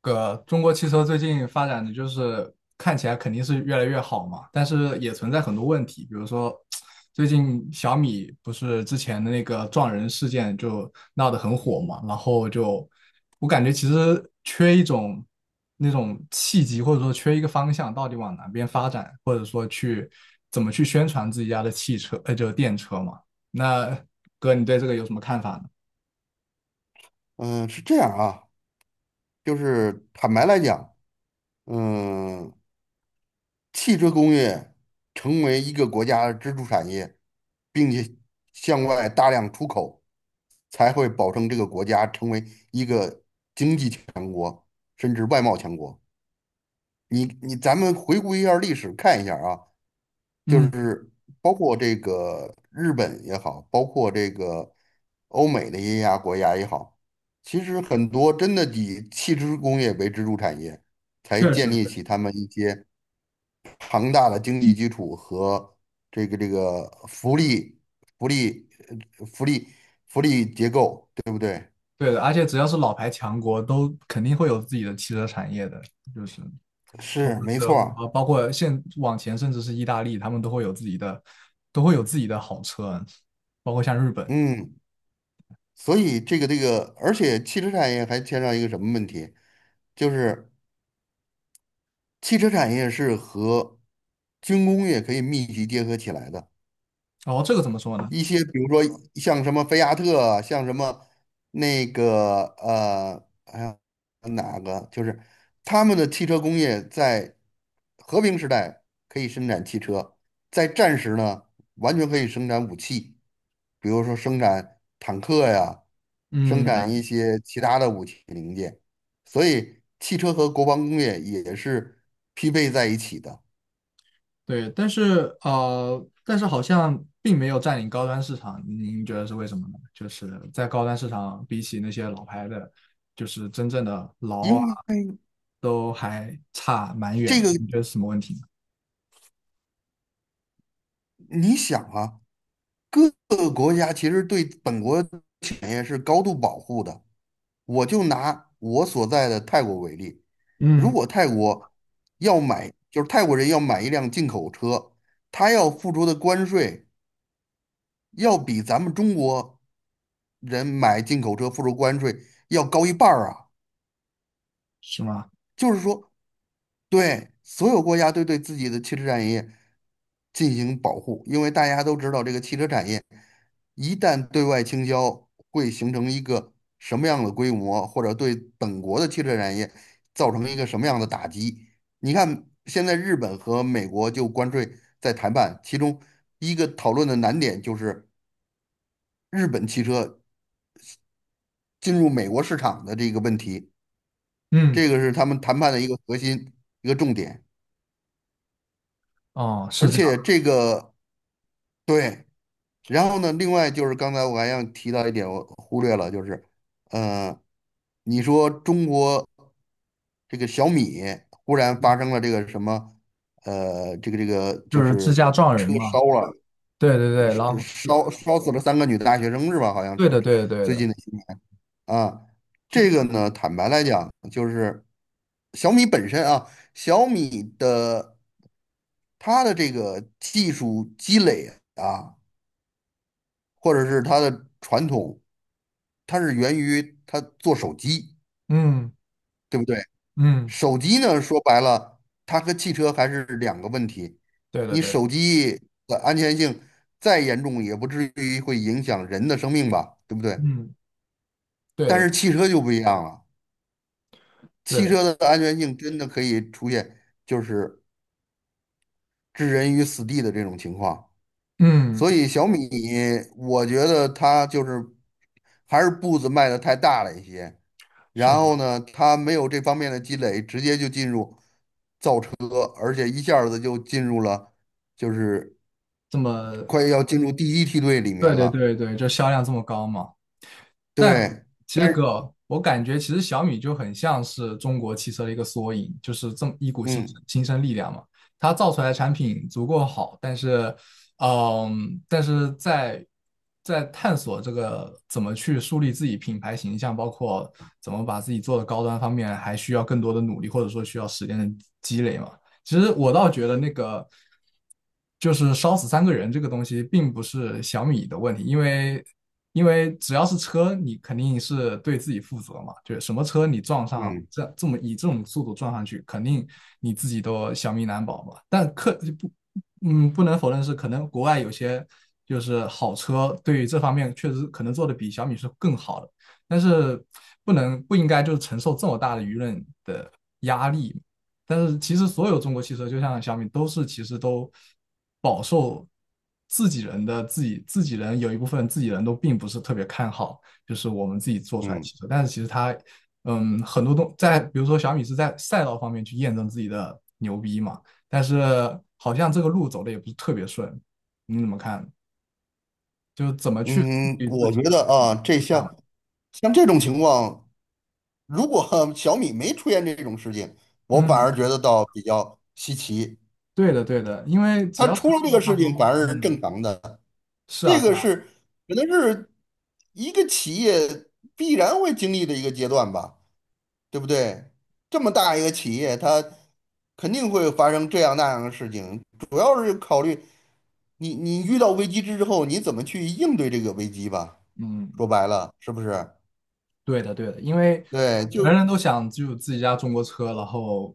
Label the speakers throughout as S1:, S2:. S1: 哥，中国汽车最近发展的就是看起来肯定是越来越好嘛，但是也存在很多问题，比如说最近小米不是之前的那个撞人事件就闹得很火
S2: 嗯，
S1: 嘛，然后就我感觉其实缺一种那种契机，或者说缺一个方向，到底往哪边发展，或者说去怎么去宣传自己家的汽车，就是电车嘛。那哥，你对这个有什么看法呢？
S2: 嗯，是这样啊。就是坦白来讲，嗯，汽车工业成为一个国家的支柱产业，并且向外大量出口，才会保证这个国家成为一个经济强国，甚至外贸强国。咱们回顾一下历史，看一下啊。就
S1: 嗯，
S2: 是包括这个日本也好，包括这个欧美的一些亚国家也好，其实很多真的以汽车工业为支柱产业，才
S1: 确
S2: 建
S1: 实。
S2: 立起他们一些庞大的经济基础和这个福利、呃福利、福利结构，对不对？
S1: 对的，而且只要是老牌强国，都肯定会有自己的汽车产业的，就是
S2: 是，没
S1: 德
S2: 错
S1: 国
S2: 儿。
S1: 啊，包括现往前甚至是意大利，他们都会有自己的好车，包括像日本。
S2: 嗯，所以这个，而且汽车产业还牵上一个什么问题，就是汽车产业是和军工业可以密集结合起来的。
S1: 然后这个怎么说呢？
S2: 一些比如说像什么菲亚特啊，像什么那个哎呀哪个，就是他们的汽车工业在和平时代可以生产汽车，在战时呢，完全可以生产武器，比如说生产坦克呀，生产一
S1: 嗯，
S2: 些其他的武器零件。所以汽车和国防工业也是匹配在一起的。
S1: 对，但是好像并没有占领高端市场，您觉得是为什么呢？就是在高端市场，比起那些老牌的，就是真正的劳啊，
S2: 因为
S1: 都还差蛮
S2: 这
S1: 远。
S2: 个，
S1: 你觉得是什么问题呢？
S2: 你想啊，各个国家其实对本国产业是高度保护的。我就拿我所在的泰国为例，
S1: 嗯，
S2: 如果泰国要买，就是泰国人要买一辆进口车，他要付出的关税要比咱们中国人买进口车付出关税要高一半儿啊。
S1: 是吗？
S2: 就是说，对所有国家都对自己的汽车产业进行保护，因为大家都知道这个汽车产业一旦对外倾销，会形成一个什么样的规模，或者对本国的汽车产业造成一个什么样的打击。你看，现在日本和美国就关税在谈判，其中一个讨论的难点就是日本汽车进入美国市场的这个问题。
S1: 嗯。
S2: 这个是他们谈判的一个核心，一个重点。
S1: 哦，
S2: 而
S1: 是这
S2: 且
S1: 样，
S2: 这个对。然后呢，另外就是刚才我还想提到一点，我忽略了，就是，呃，你说中国这个小米忽然发生了这个什么，
S1: 就
S2: 就
S1: 是自
S2: 是
S1: 驾撞人
S2: 车烧
S1: 嘛。
S2: 了，
S1: 对对对，然
S2: 是
S1: 后
S2: 烧死了三个女大学生是吧？好像
S1: 对
S2: 是
S1: 的对的对
S2: 最
S1: 的。
S2: 近的新闻啊。这个
S1: 就，
S2: 呢，坦白来讲，就是小米本身啊，小米的它的这个技术积累。啊。或者是它的传统，它是源于它做手机，
S1: 嗯
S2: 对不对？
S1: 嗯。
S2: 手机呢，说白了，它和汽车还是两个问题。
S1: 对的
S2: 你
S1: 对的，
S2: 手机的安全性再严重，也不至于会影响人的生命吧，对不对？
S1: 嗯，对
S2: 但
S1: 的
S2: 是汽车就不一样了，
S1: 对
S2: 汽
S1: 的，
S2: 车的安全性真的可以出现就是置人于死地的这种情况。
S1: 嗯，
S2: 所以小米，我觉得它就是还是步子迈得太大了一些。然后
S1: 是
S2: 呢，它没有这方面的积累，直接就进入和而且一下子就进入了，就是
S1: 这么。
S2: 快要进入第一梯队里面
S1: 对对
S2: 了。
S1: 对对，就销量这么高嘛。但
S2: 对，
S1: 其实
S2: 但是，
S1: 哥，我感觉其实小米就很像是中国汽车的一个缩影，就是这么一股新
S2: 嗯
S1: 新生力量嘛。它造出来的产品足够好，但是，但是在探索这个怎么去树立自己品牌形象，包括怎么把自己做的高端方面，还需要更多的努力，或者说需要时间的积累嘛。其实我倒觉得那个就是烧死三个人这个东西，并不是小米的问题，因为只要是车，你肯定是对自己负责嘛，就是什么车你撞上
S2: 嗯
S1: 这么以这种速度撞上去，肯定你自己都小命难保嘛。但可不，嗯，不能否认是可能国外有些就是好车对于这方面确实可能做的比小米是更好的，但是不能不应该就是承受这么大的舆论的压力。但是其实所有中国汽车，就像小米，都是其实都饱受自己人的自己人有一部分自己人都并不是特别看好，就是我们自己做出来的
S2: 嗯
S1: 汽车。但是其实它，嗯，很多东在，比如说小米是在赛道方面去验证自己的牛逼嘛，但是好像这个路走的也不是特别顺，你怎么看？就怎么去树
S2: 嗯，
S1: 立自
S2: 我
S1: 己
S2: 觉得
S1: 的
S2: 啊，这
S1: 看法。
S2: 像像这种情况，如果 小米没出现这种事情，我反
S1: 嗯，
S2: 而觉得倒比较稀奇。
S1: 对的，对的，因为只
S2: 它
S1: 要是
S2: 出了这
S1: 车，
S2: 个
S1: 它
S2: 事情，
S1: 都
S2: 反而是正
S1: 嗯，
S2: 常的。
S1: 是
S2: 这
S1: 啊，是
S2: 个
S1: 啊，
S2: 是可能是一个企业必然会经历的一个阶段吧，对不对？这么大一个企业，它肯定会发生这样那样的事情，主要是考虑你遇到危机之后，你怎么去应对这个危机吧。
S1: 嗯。
S2: 说白了，是不是？
S1: 对的，对的，因为
S2: 对，
S1: 人
S2: 就
S1: 人都想只有自己家中国车，然后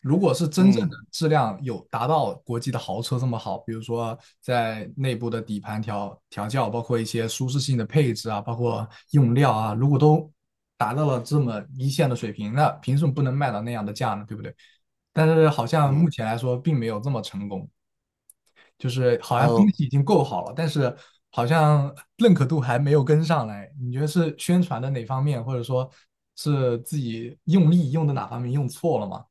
S1: 如果是真正的
S2: 嗯
S1: 质量有达到国际的豪车这么好，比如说在内部的底盘调教，包括一些舒适性的配置啊，包括用料啊，如果都达到了这么一线的水平，那凭什么不能卖到那样的价呢？对不对？但是好像目
S2: 嗯
S1: 前来说并没有这么成功。就是好像东
S2: 呃，
S1: 西已经够好了，但是好像认可度还没有跟上来。你觉得是宣传的哪方面，或者说是自己用力用的哪方面用错了吗？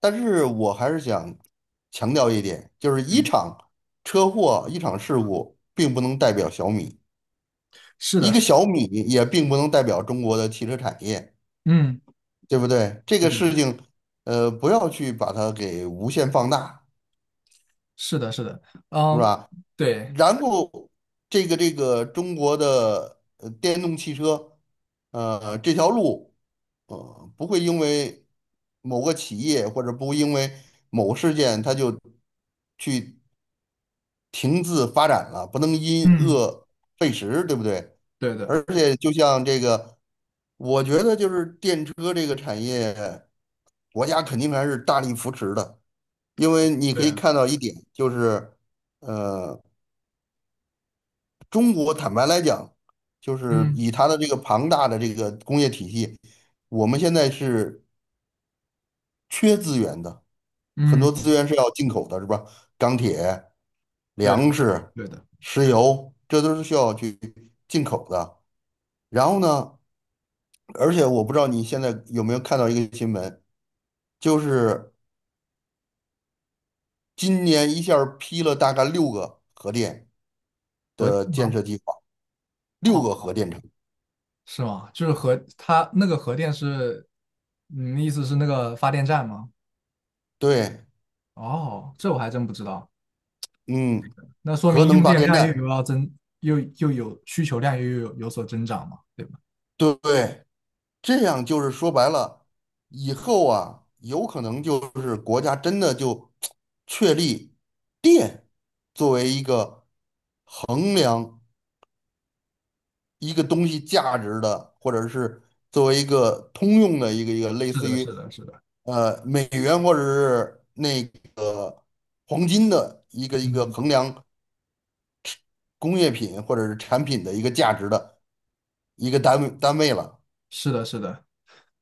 S2: 但是我还是想强调一点，就是一
S1: 嗯，
S2: 场车祸、一场事故，并不能代表小米。
S1: 是
S2: 一
S1: 的，是
S2: 个
S1: 的，
S2: 小米也并不能代表中国的汽车产业，
S1: 嗯，
S2: 对不对？这
S1: 对
S2: 个
S1: 的，
S2: 事情，呃，不要去把它给无限放大，
S1: 是的，是的，
S2: 是
S1: 嗯，
S2: 吧？
S1: 对，
S2: 然后，这个中国的电动汽车，这条路，不会因为某个企业或者不会因为某个事件，它就去停滞发展了，不能因
S1: 嗯，
S2: 恶废食，对不对？
S1: 对的，
S2: 而且就像这个，我觉得就是电车这个产业，国家肯定还是大力扶持的，因为你
S1: 对
S2: 可以
S1: 啊，
S2: 看到一点，就是呃，中国坦白来讲，就是
S1: 嗯
S2: 以它的这个庞大的这个工业体系，我们现在是缺资源的。很多
S1: 嗯，
S2: 资源是要进口的，是吧？钢铁、
S1: 对，
S2: 粮食、
S1: 对的，
S2: 石油，这都是需要去进口的。然后呢，而且我不知道你现在有没有看到一个新闻，就是今年一下儿批了大概六个核电
S1: 核电
S2: 的建设
S1: 吗？
S2: 计划，六个
S1: 哦，
S2: 核电厂。
S1: 是吗？就是核，它那个核电是，你的意思是那个发电站吗？
S2: 对。
S1: 哦，这我还真不知道。
S2: 嗯，
S1: 那说
S2: 核
S1: 明
S2: 能
S1: 用
S2: 发
S1: 电
S2: 电
S1: 量又有
S2: 站，
S1: 要增，又有需求量又有所增长嘛，对吧？
S2: 对不对，这样就是说白了，以后啊，有可能就是国家真的就确立电作为一个衡量一个东西价值的，或者是作为一个通用的一个类
S1: 是
S2: 似
S1: 的，
S2: 于
S1: 是的，是的，
S2: 美元或者是那个黄金的一个
S1: 嗯，
S2: 衡量工业品或者是产品的一个价值的一个单位了。
S1: 是的，是的。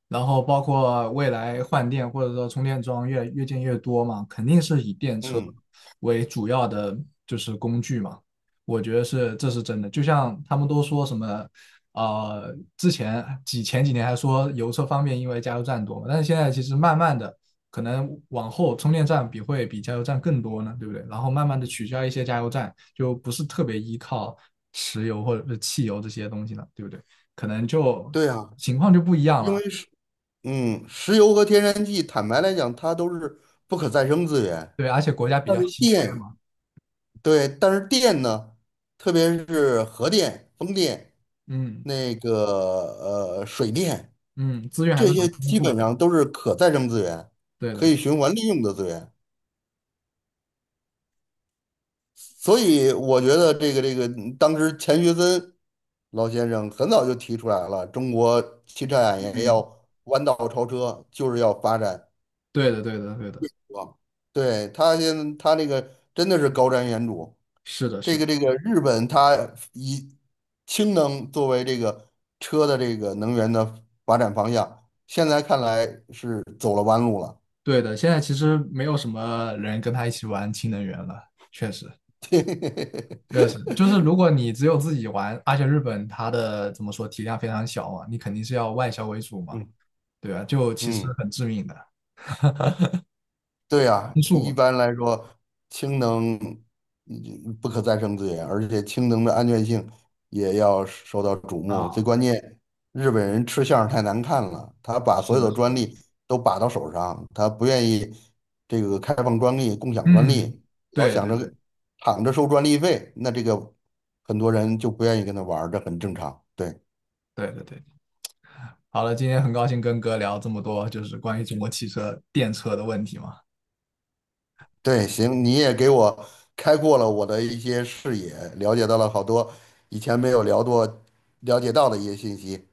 S1: 然后包括未来换电或者说充电桩越建越多嘛，肯定是以电车
S2: 嗯，
S1: 为主要的就是工具嘛。我觉得是这是真的，就像他们都说什么，之前前几年还说油车方便，因为加油站多嘛，但是现在其实慢慢的可能往后充电站会比加油站更多呢，对不对？然后慢慢的取消一些加油站，就不是特别依靠石油或者是汽油这些东西了，对不对？可能就
S2: 对啊，
S1: 情况就不一样
S2: 因为
S1: 了。
S2: 是。石油和天然气，坦白来讲，它都是不可再生资源。
S1: 对，而且国家比
S2: 但
S1: 较
S2: 是
S1: 稀缺
S2: 电，
S1: 嘛，
S2: 对，但是电呢，特别是核电、风电、
S1: 嗯
S2: 那个水电，
S1: 嗯，资源还
S2: 这
S1: 是
S2: 些
S1: 很丰
S2: 基
S1: 富
S2: 本
S1: 的，
S2: 上都是可再生资源，
S1: 对
S2: 可
S1: 的，
S2: 以循环利用的资源。所以我觉得这个，当时钱学森老先生很早就提出来了，中国汽车产业
S1: 嗯，
S2: 要弯道超车，就是要发展。
S1: 对的，对的，对的，
S2: 哇，对，他现在他那个真的是高瞻远瞩。
S1: 是的，是
S2: 这
S1: 的，
S2: 个这个日本，他以氢能作为这个车的这个能源的发展方向，现在看来是走了弯路了。
S1: 对的。现在其实没有什么人跟他一起玩氢能源了，确实，确实，就 是如果你只有自己玩，而且日本它的怎么说体量非常小嘛，你肯定是要外销为主嘛，
S2: 嗯
S1: 对吧？就其实
S2: 嗯。
S1: 很致命的
S2: 对呀，
S1: 因素
S2: 一
S1: 嘛，
S2: 般来说，氢能不可再生资源，而且氢能的安全性也要受到瞩目。最
S1: 啊，
S2: 关键，日本人吃相太难看了，他把
S1: 是
S2: 所有
S1: 的，
S2: 的
S1: 是的，
S2: 专利都把到手上，他不愿意这个开放专利、共享专
S1: 嗯，
S2: 利，老
S1: 对
S2: 想
S1: 对
S2: 着
S1: 对
S2: 躺着收专利费，那这个很多人就不愿意跟他玩儿这很正常。对。
S1: 对对对。好了，今天很高兴跟哥聊这么多，就是关于中国汽车电车的问题嘛。
S2: 对，行，你也给我开阔了我的一些视野，了解到了好多以前没有聊过、了解到的一些信息。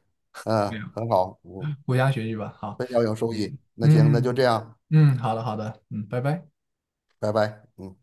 S2: 嗯，
S1: 对
S2: 很好，嗯，
S1: 国家学习吧。好，
S2: 非常有收
S1: 嗯
S2: 益。那行，那就
S1: 嗯
S2: 这样，
S1: 嗯，好的好的，嗯，拜拜。
S2: 拜拜。嗯。